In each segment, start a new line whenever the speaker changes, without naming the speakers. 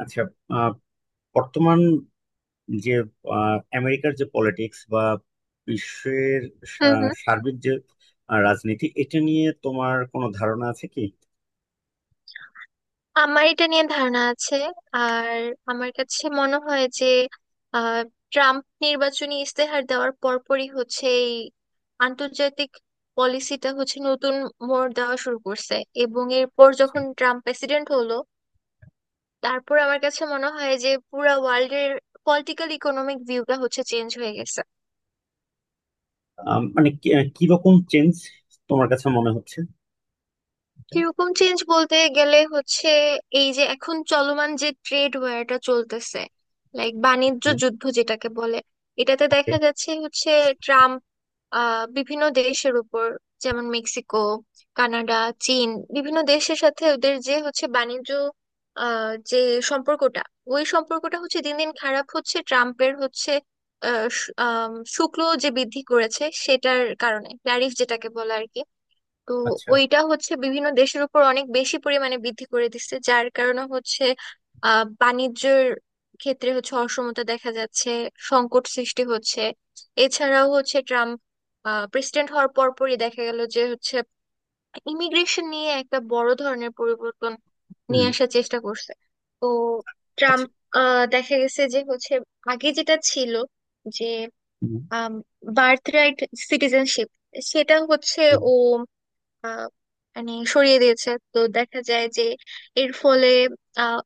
আচ্ছা। আহ, বর্তমান যে আমেরিকার যে পলিটিক্স বা বিশ্বের
হুম হুম
সার্বিক যে রাজনীতি, এটা নিয়ে তোমার কোনো ধারণা আছে কি?
আমার এটা নিয়ে ধারণা আছে। আর আমার কাছে মনে হয় যে আহ, ট্রাম্প নির্বাচনী ইস্তেহার দেওয়ার পরপরই হচ্ছে এই আন্তর্জাতিক পলিসিটা হচ্ছে নতুন মোড় দেওয়া শুরু করছে। এবং এরপর যখন ট্রাম্প প্রেসিডেন্ট হলো তারপর আমার কাছে মনে হয় যে পুরা ওয়ার্ল্ডের পলিটিক্যাল ইকোনমিক ভিউটা হচ্ছে চেঞ্জ হয়ে গেছে।
মানে কি, কিরকম চেঞ্জ তোমার কাছে মনে হচ্ছে এটা?
কিরকম চেঞ্জ বলতে গেলে হচ্ছে এই যে এখন চলমান যে ট্রেড ওয়ারটা চলতেছে, লাইক বাণিজ্য
হুম।
যুদ্ধ যেটাকে বলে। এটাতে
ওকে।
দেখা যাচ্ছে হচ্ছে ট্রাম্প বিভিন্ন দেশের উপর, যেমন মেক্সিকো, কানাডা, চীন, বিভিন্ন দেশের সাথে ওদের যে হচ্ছে বাণিজ্য যে সম্পর্কটা, ওই সম্পর্কটা হচ্ছে দিন দিন খারাপ হচ্ছে। ট্রাম্পের হচ্ছে শুল্ক যে বৃদ্ধি করেছে সেটার কারণে, ট্যারিফ যেটাকে বলে আর কি। তো
আচ্ছা।
ওইটা হচ্ছে বিভিন্ন দেশের উপর অনেক বেশি পরিমাণে বৃদ্ধি করে দিচ্ছে যার কারণে হচ্ছে বাণিজ্যের ক্ষেত্রে হচ্ছে অসমতা দেখা যাচ্ছে, সংকট সৃষ্টি হচ্ছে। এছাড়াও হচ্ছে ট্রাম্প প্রেসিডেন্ট হওয়ার পরপরই দেখা গেল যে হচ্ছে ইমিগ্রেশন নিয়ে একটা বড় ধরনের পরিবর্তন
হুম।
নিয়ে আসার চেষ্টা করছে। তো
আচ্ছা।
ট্রাম্প দেখা গেছে যে হচ্ছে আগে যেটা ছিল যে
হুম।
বার্থ রাইট সিটিজেনশিপ সেটা হচ্ছে
হুম।
ও আহ, মানে সরিয়ে দিয়েছে। তো দেখা যায় যে এর ফলে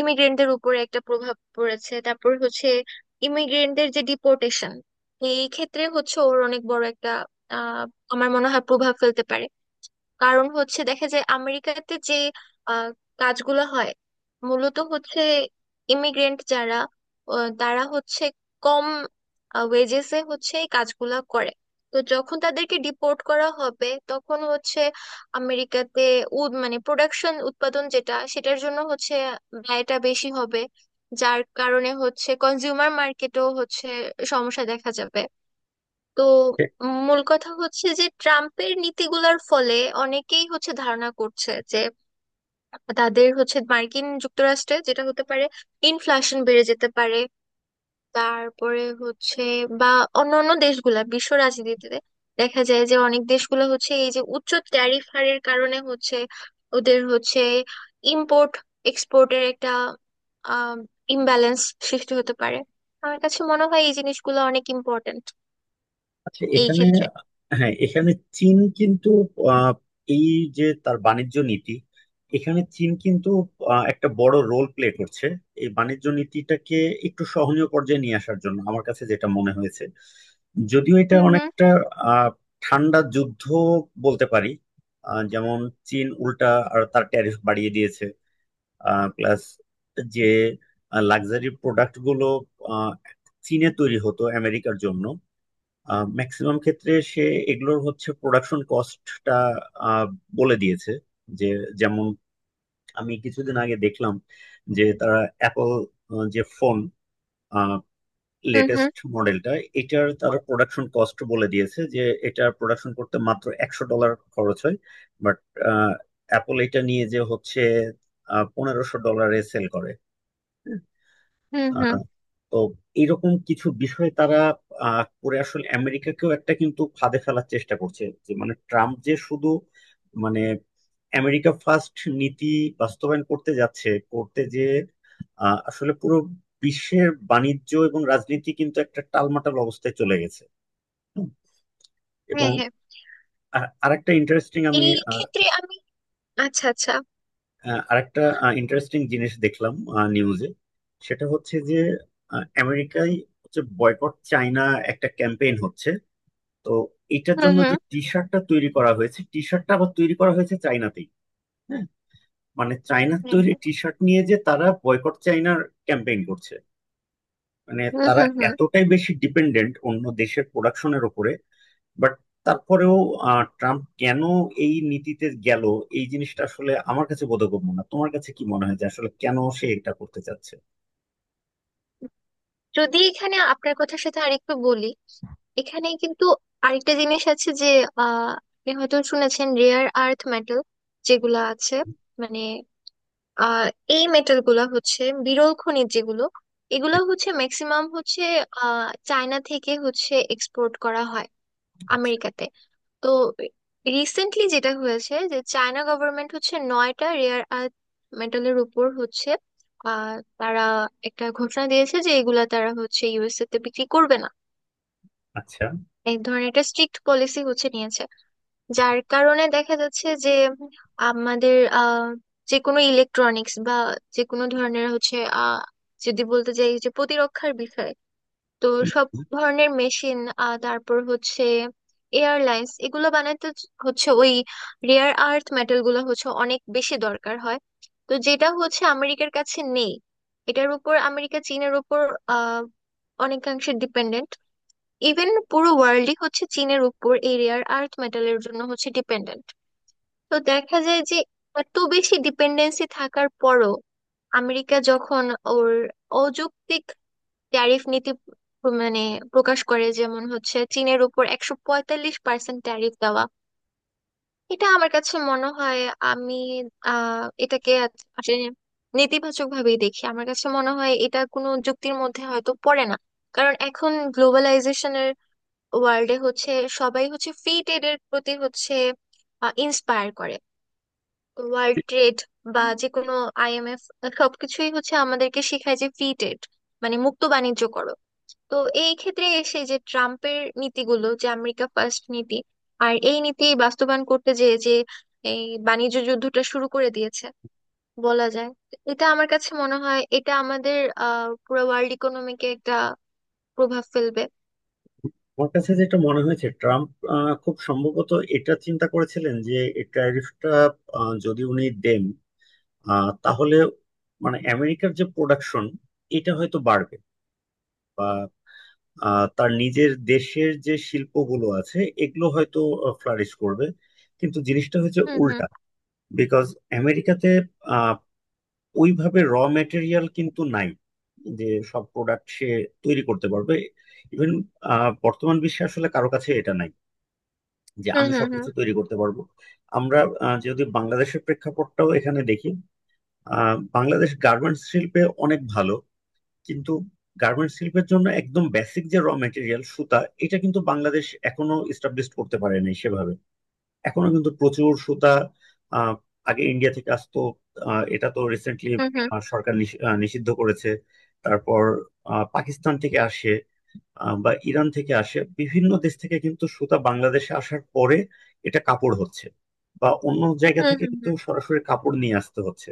ইমিগ্রেন্টদের উপরে একটা প্রভাব পড়েছে। তারপর হচ্ছে ইমিগ্রেন্টদের যে ডিপোর্টেশন এই ক্ষেত্রে হচ্ছে ওর অনেক বড় একটা আহ আমার মনে হয় প্রভাব ফেলতে পারে। কারণ হচ্ছে দেখা যায় আমেরিকাতে যে আহ, কাজগুলো হয় মূলত হচ্ছে ইমিগ্রেন্ট যারা, তারা হচ্ছে কম ওয়েজেসে হচ্ছে এই কাজগুলা করে। তো যখন তাদেরকে ডিপোর্ট করা হবে তখন হচ্ছে আমেরিকাতে উদ মানে প্রোডাকশন উৎপাদন যেটা সেটার জন্য হচ্ছে ব্যয়টা বেশি হবে, যার কারণে হচ্ছে কনজিউমার মার্কেটেও হচ্ছে সমস্যা দেখা যাবে। তো মূল কথা হচ্ছে যে ট্রাম্পের নীতিগুলোর ফলে অনেকেই হচ্ছে ধারণা করছে যে তাদের হচ্ছে মার্কিন যুক্তরাষ্ট্রে যেটা হতে পারে ইনফ্লেশন বেড়ে যেতে পারে। তারপরে হচ্ছে বা অন্যান্য দেশগুলা বিশ্ব রাজনীতিতে দেখা যায় যে অনেক দেশগুলো হচ্ছে এই যে উচ্চ ট্যারিফ হারের কারণে হচ্ছে ওদের হচ্ছে ইম্পোর্ট এক্সপোর্টের একটা আহ ইমব্যালেন্স সৃষ্টি হতে পারে। আমার কাছে মনে হয় এই জিনিসগুলো অনেক ইম্পর্ট্যান্ট
আচ্ছা,
এই
এখানে,
ক্ষেত্রে।
হ্যাঁ, এখানে চীন কিন্তু আহ, এই যে তার বাণিজ্য নীতি, এখানে চীন কিন্তু একটা বড় রোল প্লে করছে এই বাণিজ্য নীতিটাকে একটু সহনীয় পর্যায়ে নিয়ে আসার জন্য, আমার কাছে যেটা মনে হয়েছে। যদিও এটা
হুম হুম
অনেকটা আহ, ঠান্ডা যুদ্ধ বলতে পারি। যেমন চীন উল্টা আর তার ট্যারিফ বাড়িয়ে দিয়েছে। প্লাস যে লাক্সারি প্রোডাক্ট গুলো আহ, চীনে তৈরি হতো আমেরিকার জন্য ম্যাক্সিমাম ক্ষেত্রে, সে এগুলোর হচ্ছে প্রোডাকশন কস্টটা বলে দিয়েছে, যে যেমন, আমি কিছুদিন আগে দেখলাম যে তারা অ্যাপল যে ফোন
হুম হুম
লেটেস্ট মডেলটা, এটার তারা প্রোডাকশন কস্ট বলে দিয়েছে যে এটা প্রোডাকশন করতে মাত্র 100 ডলার খরচ হয়। বাট অ্যাপল এটা নিয়ে যে হচ্ছে 1500 ডলারে সেল করে।
হুম হুম।
আহ, তো এইরকম কিছু বিষয়ে তারা করে আসলে আমেরিকাকেও একটা কিন্তু ফাঁদে ফেলার চেষ্টা করছে, যে মানে ট্রাম্প যে শুধু মানে আমেরিকা ফার্স্ট নীতি বাস্তবায়ন করতে যাচ্ছে করতে, যে আসলে পুরো বিশ্বের বাণিজ্য এবং রাজনীতি কিন্তু একটা টালমাটাল অবস্থায় চলে গেছে। হুম। এবং
হ্যাঁ, হ্যাঁ।
আর আরেকটা ইন্টারেস্টিং, আমি
এই ক্ষেত্রে আমি আচ্ছা আচ্ছা।
আরেকটা ইন্টারেস্টিং জিনিস দেখলাম নিউজে। সেটা হচ্ছে যে আমেরিকায় হচ্ছে বয়কট চায়না একটা ক্যাম্পেইন হচ্ছে। তো এটার
হুম
জন্য যে
হুম।
টি শার্টটা তৈরি করা হয়েছে, টি শার্টটা আবার তৈরি করা হয়েছে চায়নাতেই। হ্যাঁ, মানে চায়নার
হ্যাঁ,
তৈরি
হ্যাঁ।
টি শার্ট নিয়ে যে তারা বয়কট চায়নার ক্যাম্পেইন করছে। মানে
হুম
তারা
হুম হুম।
এতটাই বেশি ডিপেন্ডেন্ট অন্য দেশের প্রোডাকশনের উপরে। বাট তারপরেও ট্রাম্প কেন এই নীতিতে গেল, এই জিনিসটা আসলে আমার কাছে বোধগম্য না। তোমার কাছে কি মনে হয় যে আসলে কেন সে এটা করতে চাচ্ছে?
যদি এখানে আপনার কথার সাথে আরেকটু বলি, এখানে কিন্তু আরেকটা জিনিস আছে যে আহ আপনি হয়তো শুনেছেন রেয়ার আর্থ মেটাল যেগুলা আছে, মানে আহ এই মেটাল গুলা হচ্ছে বিরল খনিজ যেগুলো, এগুলো হচ্ছে ম্যাক্সিমাম হচ্ছে চায়না থেকে হচ্ছে এক্সপোর্ট করা হয়
আচ্ছা,
আমেরিকাতে। তো রিসেন্টলি যেটা হয়েছে যে চায়না গভর্নমেন্ট হচ্ছে 9টা রেয়ার আর্থ মেটালের উপর হচ্ছে আহ, তারা একটা ঘোষণা দিয়েছে যে এগুলা তারা হচ্ছে USA তে বিক্রি করবে না।
আচ্ছা।
এক ধরনের একটা স্ট্রিক্ট পলিসি হচ্ছে নিয়েছে, যার কারণে দেখা যাচ্ছে যে আমাদের যে কোনো ইলেকট্রনিক্স বা যে কোনো ধরনের হচ্ছে আহ যদি বলতে যাই যে প্রতিরক্ষার বিষয়, তো সব ধরনের মেশিন, তারপর হচ্ছে এয়ারলাইন্স, এগুলো বানাতে হচ্ছে ওই রেয়ার আর্থ মেটাল গুলো হচ্ছে অনেক বেশি দরকার হয়। তো যেটা হচ্ছে আমেরিকার কাছে নেই, এটার উপর আমেরিকা চীনের উপর আহ অনেকাংশে ডিপেন্ডেন্ট। ইভেন পুরো ওয়ার্ল্ডই হচ্ছে চীনের উপর এই রেয়ার আর্থ মেটালের জন্য হচ্ছে ডিপেন্ডেন্ট। তো দেখা যায় যে এত বেশি ডিপেন্ডেন্সি থাকার পরও আমেরিকা যখন ওর অযৌক্তিক ট্যারিফ নীতি মানে প্রকাশ করে, যেমন হচ্ছে চীনের উপর 145% ট্যারিফ দেওয়া, এটা আমার কাছে মনে হয়, আমি এটাকে আসলে নেতিবাচক ভাবেই দেখি। আমার কাছে মনে হয় এটা কোনো যুক্তির মধ্যে হয়তো পড়ে না। কারণ এখন গ্লোবালাইজেশনের ওয়ার্ল্ডে হচ্ছে সবাই হচ্ছে ফ্রি ট্রেডের প্রতি হচ্ছে ইন্সপায়ার করে। ওয়ার্ল্ড ট্রেড বা যে কোনো IMF সবকিছুই হচ্ছে আমাদেরকে শেখায় যে ফ্রি ট্রেড মানে মুক্ত বাণিজ্য করো। তো এই ক্ষেত্রে এসে যে ট্রাম্পের নীতিগুলো, যে আমেরিকা ফার্স্ট নীতি, আর এই নীতি বাস্তবায়ন করতে যে যে এই বাণিজ্য যুদ্ধটা শুরু করে দিয়েছে বলা যায়, এটা আমার কাছে মনে হয় এটা আমাদের পুরো ওয়ার্ল্ড ইকোনমিকে একটা প্রভাব ফেলবে।
আমার কাছে যেটা মনে হয়েছে, ট্রাম্প খুব সম্ভবত এটা চিন্তা করেছিলেন যে এই ট্যারিফটা যদি উনি দেন, তাহলে মানে আমেরিকার যে প্রোডাকশন, এটা হয়তো বাড়বে। তার নিজের দেশের যে শিল্পগুলো আছে এগুলো হয়তো ফ্লারিশ করবে। কিন্তু জিনিসটা হচ্ছে
হুম হুম
উল্টা। বিকজ আমেরিকাতে আহ, ওইভাবে র মেটেরিয়াল কিন্তু নাই, যে সব প্রোডাক্ট সে তৈরি করতে পারবে। ইভেন বর্তমান বিশ্বে আসলে কারো কাছে এটা নাই যে
হুম
আমি
হুম
সবকিছু তৈরি করতে পারবো। আমরা যদি বাংলাদেশের প্রেক্ষাপটটাও এখানে দেখি, বাংলাদেশ গার্মেন্টস শিল্পে অনেক ভালো। কিন্তু গার্মেন্টস শিল্পের জন্য একদম বেসিক যে র মেটেরিয়াল সুতা, এটা কিন্তু বাংলাদেশ এখনো এস্টাবলিশ করতে পারেনি সেভাবে। এখনো কিন্তু প্রচুর সুতা আহ, আগে ইন্ডিয়া থেকে আসতো। এটা তো রিসেন্টলি
হুম হুম
সরকার নিষিদ্ধ করেছে। তারপর পাকিস্তান থেকে আসে, বা ইরান থেকে আসে। বিভিন্ন দেশ থেকে কিন্তু সুতা বাংলাদেশে আসার পরে এটা কাপড় হচ্ছে, বা অন্য জায়গা
হুম
থেকে
হুম
কিন্তু সরাসরি কাপড় নিয়ে আসতে হচ্ছে।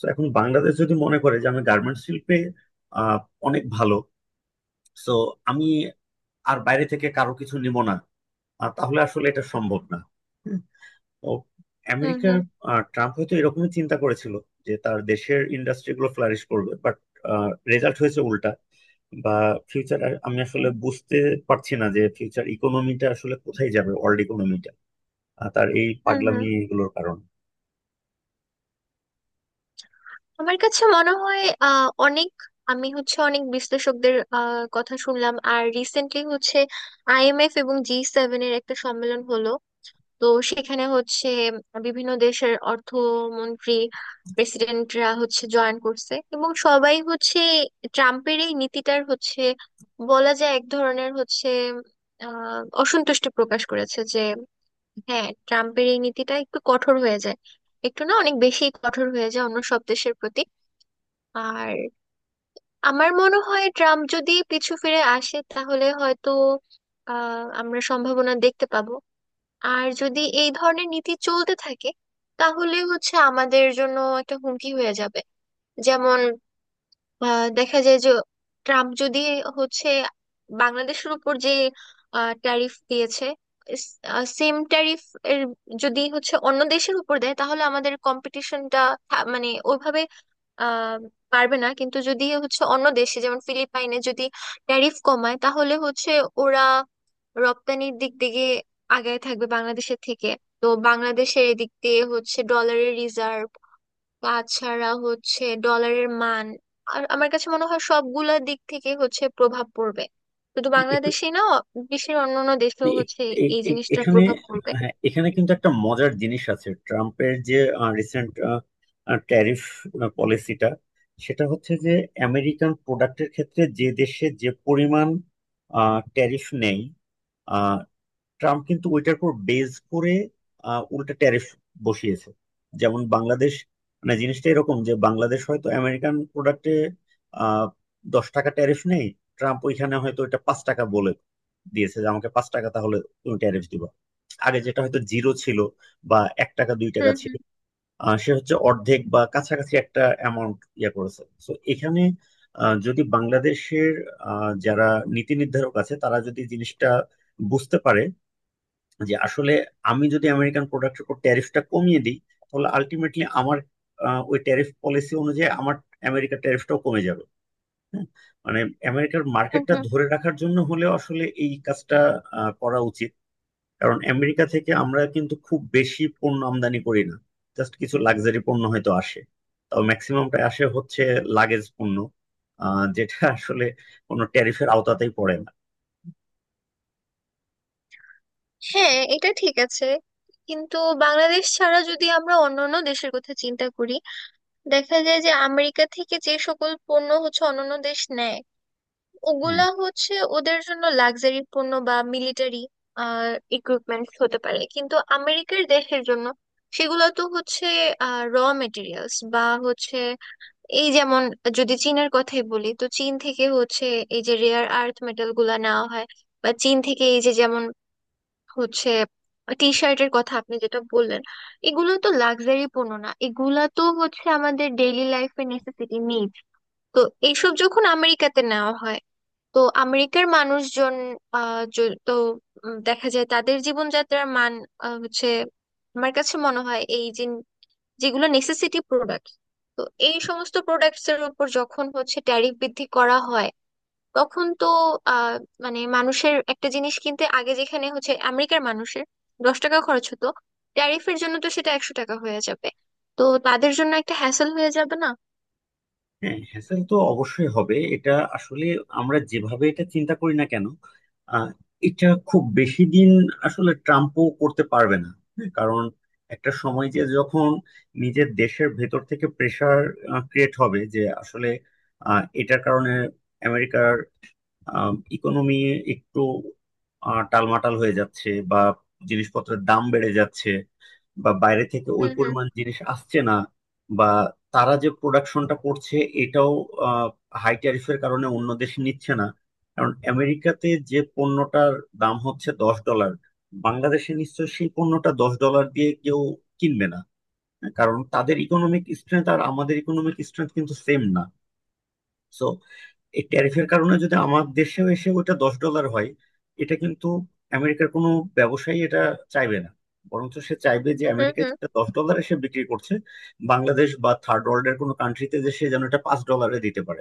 তো এখন বাংলাদেশ যদি মনে করে যে আমি গার্মেন্টস শিল্পে আহ, অনেক ভালো, তো আমি আর বাইরে থেকে কারো কিছু নিব না, তাহলে আসলে এটা সম্ভব না। ও,
হুম
আমেরিকা
হুম
আর ট্রাম্প হয়তো এরকমই চিন্তা করেছিল যে তার দেশের ইন্ডাস্ট্রিগুলো ফ্লারিশ করবে। বাট রেজাল্ট হয়েছে উল্টা। বা ফিউচার, আমি আসলে বুঝতে পারছি না যে ফিউচার ইকোনমিটা আসলে কোথায় যাবে, ওয়ার্ল্ড ইকোনমিটা, তার এই
হুম
পাগলামি
হুম।
এগুলোর কারণে।
আমার কাছে মনে হয় অনেক, আমি হচ্ছে অনেক বিশ্লেষকদের কথা শুনলাম। আর রিসেন্টলি হচ্ছে IMF এবং G7 এর একটা সম্মেলন হলো। তো সেখানে হচ্ছে বিভিন্ন দেশের অর্থমন্ত্রী প্রেসিডেন্টরা হচ্ছে জয়েন করছে এবং সবাই হচ্ছে ট্রাম্পের এই নীতিটার হচ্ছে বলা যায় এক ধরনের হচ্ছে অসন্তুষ্টি প্রকাশ করেছে যে, হ্যাঁ ট্রাম্পের এই নীতিটা একটু কঠোর হয়ে যায়, একটু না অনেক বেশি কঠোর হয়ে যায় অন্য সব দেশের প্রতি। আর আমার মনে হয় ট্রাম্প যদি পিছু ফিরে আসে তাহলে হয়তো আমরা সম্ভাবনা দেখতে পাবো। আর যদি এই ধরনের নীতি চলতে থাকে তাহলে হচ্ছে আমাদের জন্য একটা হুমকি হয়ে যাবে। যেমন দেখা যায় যে ট্রাম্প যদি হচ্ছে বাংলাদেশের উপর যে ট্যারিফ দিয়েছে সেম ট্যারিফ এর যদি হচ্ছে অন্য দেশের উপর দেয় তাহলে আমাদের কম্পিটিশনটা মানে ওইভাবে আহ পারবে না। কিন্তু যদি হচ্ছে অন্য দেশে যেমন ফিলিপাইনে যদি ট্যারিফ কমায় তাহলে হচ্ছে ওরা রপ্তানির দিক থেকে আগায় থাকবে বাংলাদেশের থেকে। তো বাংলাদেশের এদিক দিয়ে হচ্ছে ডলারের রিজার্ভ, তাছাড়া হচ্ছে ডলারের মান, আর আমার কাছে মনে হয় সবগুলা দিক থেকে হচ্ছে প্রভাব পড়বে, শুধু বাংলাদেশে না, বিশ্বের অন্যান্য
মানে
দেশেও হচ্ছে এই জিনিসটার
এখানে,
প্রভাব পড়বে।
হ্যাঁ, এখানে কিন্তু একটা মজার জিনিস আছে ট্রাম্পের যে রিসেন্ট ট্যারিফ পলিসিটা, সেটা হচ্ছে যে আমেরিকান প্রোডাক্টের ক্ষেত্রে যে দেশে যে পরিমাণ ট্যারিফ নেই, ট্রাম্প কিন্তু ওইটার উপর বেজ করে উল্টা ট্যারিফ বসিয়েছে। যেমন বাংলাদেশ, মানে জিনিসটা এরকম যে বাংলাদেশ হয়তো আমেরিকান প্রোডাক্টে আহ 10 টাকা ট্যারিফ নেই। ট্রাম্প ওইখানে হয়তো এটা 5 টাকা বলে দিয়েছে যে আমাকে 5 টাকা তাহলে তুমি ট্যারিফ দিবা। আগে যেটা হয়তো জিরো ছিল বা 1 টাকা 2 টাকা
হুম
ছিল,
হুম
সে হচ্ছে অর্ধেক বা কাছাকাছি একটা অ্যামাউন্ট ইয়ে করেছে। তো এখানে যদি বাংলাদেশের যারা নীতি নির্ধারক আছে, তারা যদি জিনিসটা বুঝতে পারে যে আসলে আমি যদি আমেরিকান প্রোডাক্টের উপর ট্যারিফটা কমিয়ে দিই, তাহলে আলটিমেটলি আমার ওই ট্যারিফ পলিসি অনুযায়ী আমার আমেরিকার ট্যারিফটাও কমে যাবে। হ্যাঁ, মানে আমেরিকার
হুম
মার্কেটটা
হুম।
ধরে রাখার জন্য হলেও আসলে এই কাজটা করা উচিত। কারণ আমেরিকা থেকে আমরা কিন্তু খুব বেশি পণ্য আমদানি করি না। জাস্ট কিছু লাক্সারি পণ্য হয়তো আসে। তাও ম্যাক্সিমামটা আসে হচ্ছে লাগেজ পণ্য, যেটা আসলে কোনো ট্যারিফের আওতাতেই পড়ে না।
হ্যাঁ, এটা ঠিক আছে। কিন্তু বাংলাদেশ ছাড়া যদি আমরা অন্যান্য দেশের কথা চিন্তা করি, দেখা যায় যে আমেরিকা থেকে যে সকল পণ্য হচ্ছে অন্যান্য দেশ নেয়,
হ্যাঁ,
ওগুলা হচ্ছে ওদের জন্য লাক্সারি পণ্য বা মিলিটারি ইকুইপমেন্টস হতে পারে। কিন্তু আমেরিকার দেশের জন্য সেগুলো তো হচ্ছে র মেটেরিয়ালস বা হচ্ছে এই যেমন, যদি চীনের কথাই বলি, তো চীন থেকে হচ্ছে এই যে রেয়ার আর্থ মেটাল গুলা নেওয়া হয়, বা চীন থেকে এই যে যেমন হচ্ছে টি শার্টের কথা আপনি যেটা বললেন, এগুলো তো লাক্সারি পণ্য না, এগুলা তো হচ্ছে আমাদের ডেইলি লাইফে নেসেসিটি নিড। তো এইসব যখন আমেরিকাতে নেওয়া হয় তো আমেরিকার মানুষজন আহ য- তো দেখা যায় তাদের জীবনযাত্রার মান হচ্ছে আমার কাছে মনে হয় এই যে যেগুলো নেসেসিটি প্রোডাক্ট, তো এই সমস্ত প্রোডাক্টস এর উপর যখন হচ্ছে ট্যারিফ বৃদ্ধি করা হয় তখন তো আহ মানে মানুষের একটা জিনিস কিনতে আগে যেখানে হচ্ছে আমেরিকার মানুষের 10 টাকা খরচ হতো, ট্যারিফের জন্য তো সেটা 100 টাকা হয়ে যাবে। তো তাদের জন্য একটা হ্যাসেল হয়ে যাবে না?
হ্যাঁ, হ্যাসেল তো অবশ্যই হবে এটা। আসলে আমরা যেভাবে এটা চিন্তা করি না কেন, আহ, এটা খুব বেশি দিন আসলে ট্রাম্পও করতে পারবে না। হ্যাঁ, কারণ একটা সময়, যে যখন নিজের দেশের ভেতর থেকে প্রেসার ক্রিয়েট হবে যে আসলে এটার কারণে আমেরিকার ইকোনমি একটু টালমাটাল হয়ে যাচ্ছে, বা জিনিসপত্রের দাম বেড়ে যাচ্ছে, বা বাইরে থেকে ওই
হুম হুম
পরিমাণ জিনিস আসছে না, বা তারা যে প্রোডাকশনটা করছে এটাও হাই ট্যারিফের কারণে অন্য দেশ নিচ্ছে না। কারণ আমেরিকাতে যে পণ্যটার দাম হচ্ছে 10 ডলার, বাংলাদেশে নিশ্চয়ই সেই পণ্যটা 10 ডলার দিয়ে কেউ কিনবে না। কারণ তাদের ইকোনমিক স্ট্রেংথ আর আমাদের ইকোনমিক স্ট্রেংথ কিন্তু সেম না। সো এই ট্যারিফের কারণে যদি আমার দেশেও এসে ওটা 10 ডলার হয়, এটা কিন্তু আমেরিকার কোনো ব্যবসায়ী এটা চাইবে না। বরঞ্চ সে চাইবে যে
হুম
আমেরিকায়
হুম।
যেটা 10 ডলারে সে বিক্রি করছে, বাংলাদেশ বা থার্ড ওয়ার্ল্ডের কোনো কান্ট্রিতে যে সে যেন এটা 5 ডলারে দিতে পারে।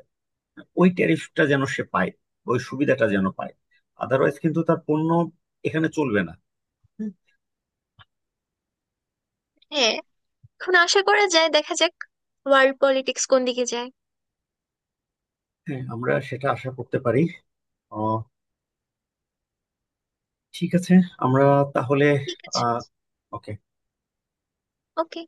ওই ট্যারিফটা যেন সে পায়, ওই সুবিধাটা যেন পায়। আদারওয়াইজ কিন্তু তার পণ্য এখানে চলবে না। হুম।
হ্যাঁ, এখন আশা করা যায় দেখা যাক ওয়ার্ল্ড পলিটিক্স কোন দিকে যায়।
হ্যাঁ, আমরা সেটা আশা করতে পারি। আহ, ঠিক আছে, আমরা তাহলে
ঠিক আছে।
আহ ওকে।
ওকে।